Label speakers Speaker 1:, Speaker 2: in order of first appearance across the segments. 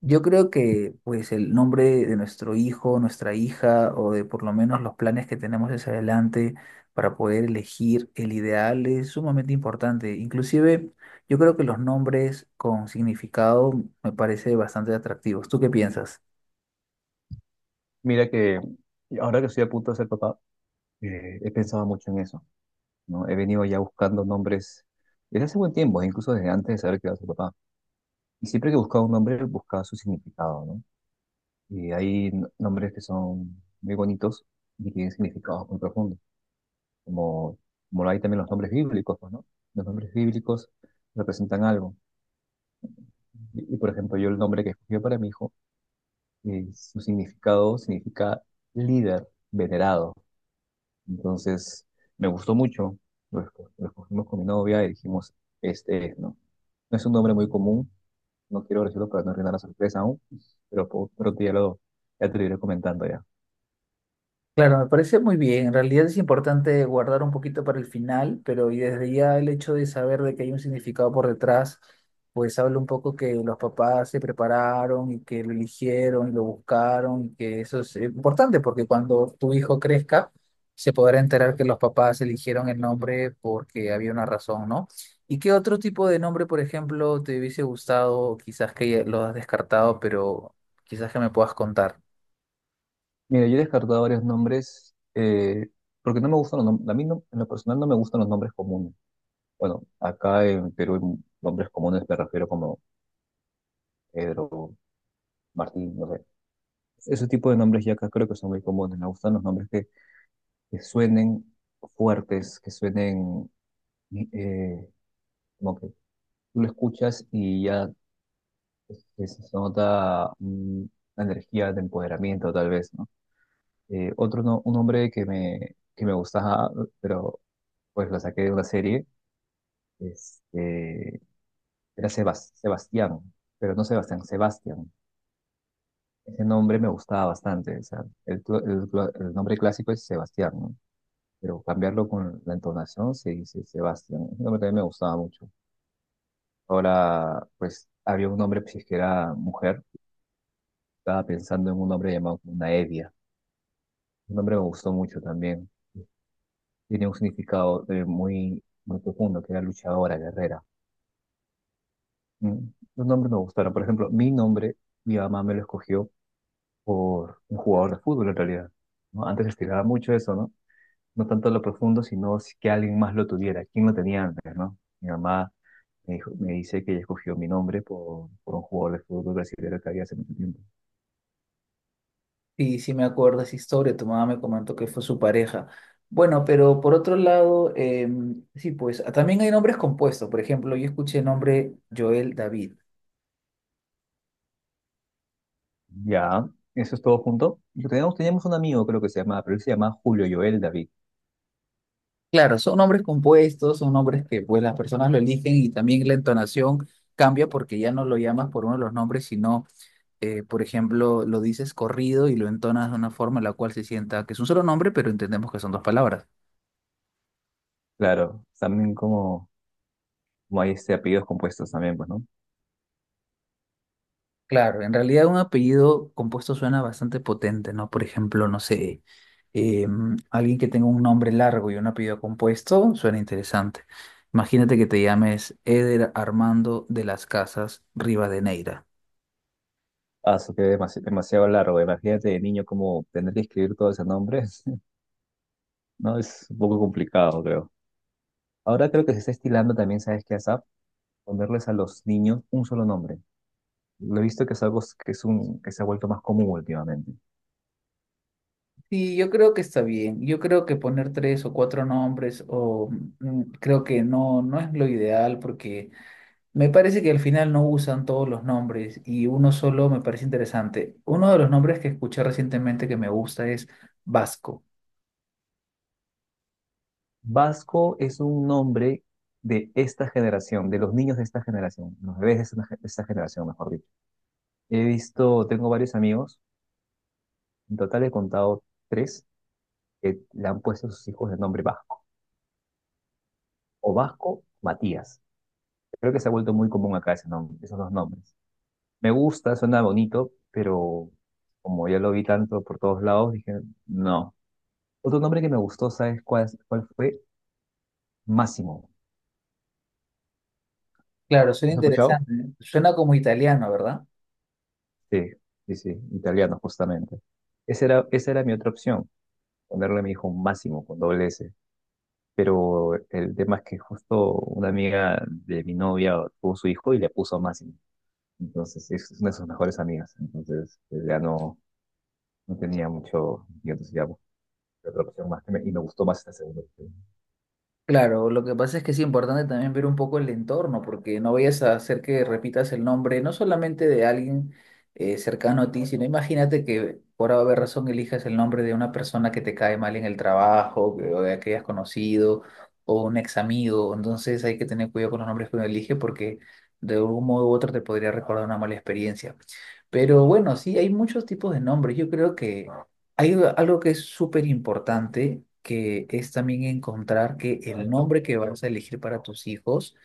Speaker 1: Yo creo que pues el nombre de nuestro hijo, nuestra hija, o de por lo menos los planes que tenemos hacia adelante para poder elegir el ideal es sumamente importante. Inclusive yo creo que los nombres con significado me parece bastante atractivos. ¿Tú qué piensas?
Speaker 2: Mira que ahora que estoy a punto de ser papá, he pensado mucho en eso, ¿no? He venido ya buscando nombres desde hace buen tiempo, incluso desde antes de saber que iba a ser papá. Y siempre que buscaba un nombre, buscaba su significado, ¿no? Y hay nombres que son muy bonitos y tienen significados muy profundos, como, como lo hay también los nombres bíblicos, pues, ¿no? Los nombres bíblicos representan algo. Y, por ejemplo, yo el nombre que escogí para mi hijo, su significado significa líder, venerado. Entonces, me gustó mucho. Lo escogimos con mi novia y dijimos, este es, ¿no? No es un nombre muy común, no quiero decirlo para no arruinar la sorpresa aún, pero pronto ya, ya te lo iré comentando ya.
Speaker 1: Claro, me parece muy bien. En realidad es importante guardar un poquito para el final, pero y desde ya el hecho de saber de que hay un significado por detrás, pues habla un poco que los papás se prepararon y que lo eligieron y lo buscaron y que eso es importante porque cuando tu hijo crezca se podrá enterar que los papás eligieron el nombre porque había una razón, ¿no? ¿Y qué otro tipo de nombre, por ejemplo, te hubiese gustado, quizás que ya lo has descartado, pero quizás que me puedas contar?
Speaker 2: Mira, yo he descartado varios nombres, porque no me gustan los nombres, a mí en lo personal no me gustan los nombres comunes. Bueno, acá en Perú, en nombres comunes me refiero como Pedro, Martín, no sé. Ese tipo de nombres ya acá creo que son muy comunes. Me gustan los nombres que suenen fuertes, que suenen, eh, como que tú lo escuchas y ya este, se nota una energía de empoderamiento, tal vez, ¿no? Otro no- un hombre que me gustaba, pero pues lo saqué de una serie, este, era Sebastián, pero no Sebastián, Sebastián. Ese nombre me gustaba bastante, o sea, el nombre clásico es Sebastián, ¿no? Pero cambiarlo con la entonación se dice Sebastián. Ese nombre también me gustaba mucho. Ahora, pues, había un hombre, pues, que era mujer. Estaba pensando en un nombre llamado Evia. Un nombre me gustó mucho también. Tiene un significado, muy, muy profundo, que era luchadora, guerrera. Mm, Los nombres me gustaron. Por ejemplo, mi nombre, mi mamá me lo escogió por un jugador de fútbol, en realidad, ¿no? Antes estiraba mucho eso, ¿no? No tanto lo profundo, sino que alguien más lo tuviera. ¿Quién lo tenía antes, no? Mi mamá me dice que ella escogió mi nombre por un jugador de fútbol brasileño que había hace mucho tiempo.
Speaker 1: Sí, sí me acuerdo esa historia, tu mamá me comentó que fue su pareja. Bueno, pero por otro lado, sí, pues ah, también hay nombres compuestos. Por ejemplo, yo escuché el nombre Joel David.
Speaker 2: Ya, eso es todo junto. Teníamos un amigo, creo que se llamaba, pero él se llamaba Julio Joel David.
Speaker 1: Claro, son nombres compuestos, son nombres que pues las personas lo eligen y también la entonación cambia porque ya no lo llamas por uno de los nombres, sino, por ejemplo, lo dices corrido y lo entonas de una forma en la cual se sienta que es un solo nombre, pero entendemos que son dos palabras.
Speaker 2: Claro, también como, como hay este apellidos compuestos también, pues, ¿no?
Speaker 1: Claro, en realidad un apellido compuesto suena bastante potente, ¿no? Por ejemplo, no sé, alguien que tenga un nombre largo y un apellido compuesto suena interesante. Imagínate que te llames Eder Armando de las Casas Rivadeneira.
Speaker 2: Ah, eso que es demasiado largo. Imagínate de niño como tener que escribir todos esos nombres ¿no? Es un poco complicado, creo. Ahora creo que se está estilando también, ¿sabes qué? ASAP. Ponerles a los niños un solo nombre. Lo he visto que es algo que, es un, que se ha vuelto más común últimamente.
Speaker 1: Sí, yo creo que está bien. Yo creo que poner tres o cuatro nombres o mm, creo que no, no es lo ideal porque me parece que al final no usan todos los nombres y uno solo me parece interesante. Uno de los nombres que escuché recientemente que me gusta es Vasco.
Speaker 2: Vasco es un nombre de esta generación, de los niños de esta generación, los bebés de esta generación, mejor dicho. He visto, tengo varios amigos, en total he contado tres, que le han puesto a sus hijos el nombre Vasco, o Vasco Matías. Creo que se ha vuelto muy común acá ese nombre, esos dos nombres. Me gusta, suena bonito, pero como ya lo vi tanto por todos lados, dije, no. Otro nombre que me gustó, ¿sabes cuál, cuál fue? Máximo.
Speaker 1: Claro, suena
Speaker 2: ¿Has escuchado?
Speaker 1: interesante. ¿Eh? Suena como italiano, ¿verdad?
Speaker 2: Sí, sí, sí, italiano justamente. Esa era mi otra opción, ponerle a mi hijo Máximo con doble S. Pero el tema es que justo una amiga de mi novia tuvo su hijo y le puso Máximo. Entonces es una de sus mejores amigas. Entonces pues, ya no, no tenía mucho mucho entusiasmo. Otra opción más y me gustó más esta segunda opción.
Speaker 1: Claro, lo que pasa es que es importante también ver un poco el entorno, porque no vayas a hacer que repitas el nombre, no solamente de alguien cercano a ti, sino imagínate que por haber razón elijas el nombre de una persona que te cae mal en el trabajo, o de que hayas conocido, o un ex amigo. Entonces hay que tener cuidado con los nombres que uno elige, porque de algún modo u otro te podría recordar una mala experiencia. Pero bueno, sí, hay muchos tipos de nombres. Yo creo que hay algo que es súper importante, que es también encontrar que el nombre que vas a elegir para tus hijos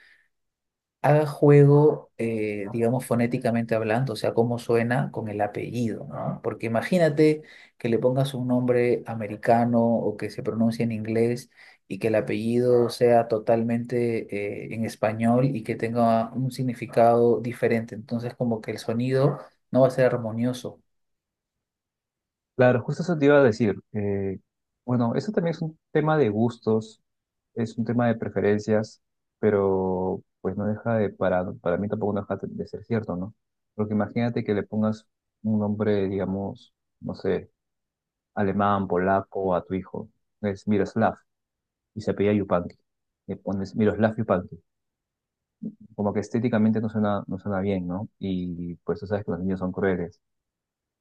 Speaker 1: haga juego, digamos, fonéticamente hablando, o sea, cómo suena con el apellido, ¿no? Porque imagínate que le pongas un nombre americano o que se pronuncie en inglés y que el apellido sea totalmente, en español y que tenga un significado diferente. Entonces, como que el sonido no va a ser armonioso.
Speaker 2: Claro, justo eso te iba a decir. Bueno, eso también es un tema de gustos, es un tema de preferencias, pero pues no deja de, para mí tampoco no deja de ser cierto, ¿no? Porque imagínate que le pongas un nombre, digamos, no sé, alemán, polaco a tu hijo, es Miroslav, y se apellida Yupanqui. Le pones Miroslav Yupanqui. Como que estéticamente no suena bien, ¿no? Y pues tú sabes que los niños son crueles.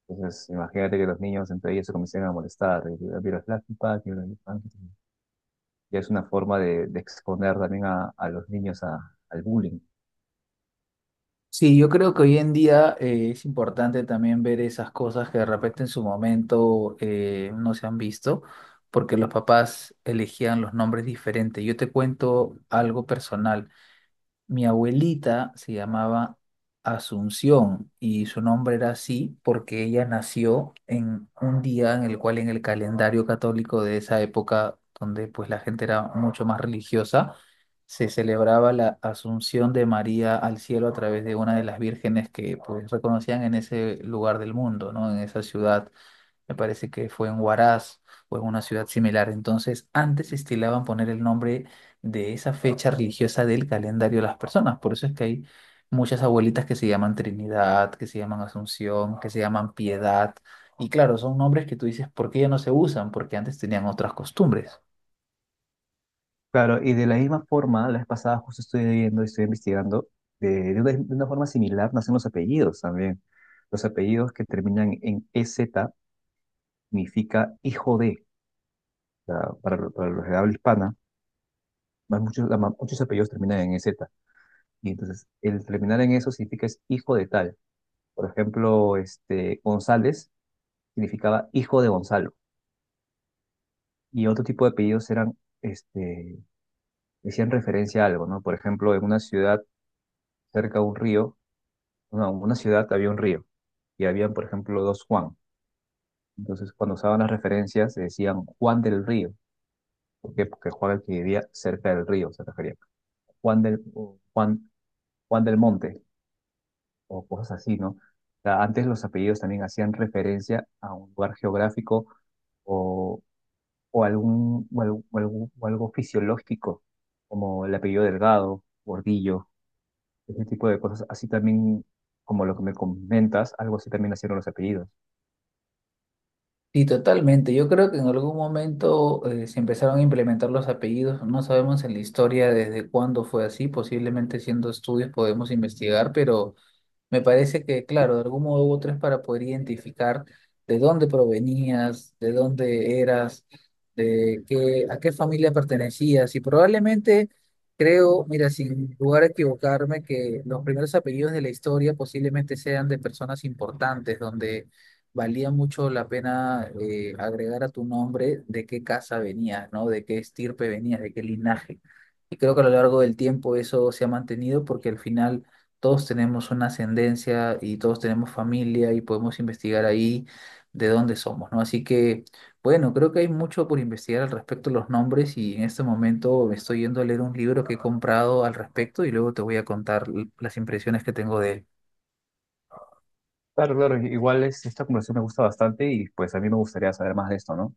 Speaker 2: Entonces, imagínate que los niños entre ellos se comiencen a molestar, y la vida es plástica, que mira el Flash Pack, mira, ya es una forma de exponer también a los niños al bullying.
Speaker 1: Sí, yo creo que hoy en día es importante también ver esas cosas que de repente en su momento no se han visto, porque los papás elegían los nombres diferentes. Yo te cuento algo personal. Mi abuelita se llamaba Asunción y su nombre era así porque ella nació en un día en el cual en el calendario católico de esa época, donde pues la gente era mucho más religiosa, se celebraba la Asunción de María al cielo a través de una de las vírgenes que pues reconocían en ese lugar del mundo, ¿no? En esa ciudad. Me parece que fue en Huaraz o en una ciudad similar. Entonces, antes estilaban poner el nombre de esa fecha religiosa del calendario de las personas. Por eso es que hay muchas abuelitas que se llaman Trinidad, que se llaman Asunción, que se llaman Piedad. Y claro, son nombres que tú dices, ¿por qué ya no se usan? Porque antes tenían otras costumbres.
Speaker 2: Claro, y de la misma forma, la vez pasada justo estoy viendo y estoy investigando, de una forma similar nacen los apellidos también. Los apellidos que terminan en EZ significa hijo de. O sea, para los de habla hispana, más muchos, muchos apellidos terminan en E z. Y entonces, el terminar en eso significa es hijo de tal. Por ejemplo, González significaba hijo de Gonzalo. Y otro tipo de apellidos eran, decían referencia a algo, ¿no? Por ejemplo, en una ciudad cerca de un río, no, en una ciudad había un río y habían, por ejemplo, dos Juan. Entonces, cuando usaban las referencias, se decían Juan del Río. ¿Por qué? Porque Juan, el que vivía cerca del río, se refería. Juan del, o Juan, Juan del Monte, o cosas así, ¿no? O sea, antes los apellidos también hacían referencia a un lugar geográfico, o, o algún, o algo fisiológico, como el apellido Delgado, Gordillo, ese tipo de cosas. Así también, como lo que me comentas, algo así también nacieron los apellidos.
Speaker 1: Sí, totalmente. Yo creo que en algún momento se empezaron a implementar los apellidos. No sabemos en la historia desde cuándo fue así. Posiblemente haciendo estudios podemos investigar, pero me parece que, claro, de algún modo u otro es para poder identificar de dónde provenías, de dónde eras, de qué, a qué familia pertenecías. Y probablemente, creo, mira, sin lugar a equivocarme, que los primeros apellidos de la historia posiblemente sean de personas importantes, donde valía mucho la pena agregar a tu nombre de qué casa venías, ¿no? De qué estirpe venías, de qué linaje. Y creo que a lo largo del tiempo eso se ha mantenido porque al final todos tenemos una ascendencia y todos tenemos familia y podemos investigar ahí de dónde somos, ¿no? Así que, bueno, creo que hay mucho por investigar al respecto de los nombres y en este momento me estoy yendo a leer un libro que he comprado al respecto y luego te voy a contar las impresiones que tengo de él.
Speaker 2: Claro, claro, igual esta conversación me gusta bastante y pues a mí me gustaría saber más de esto, ¿no?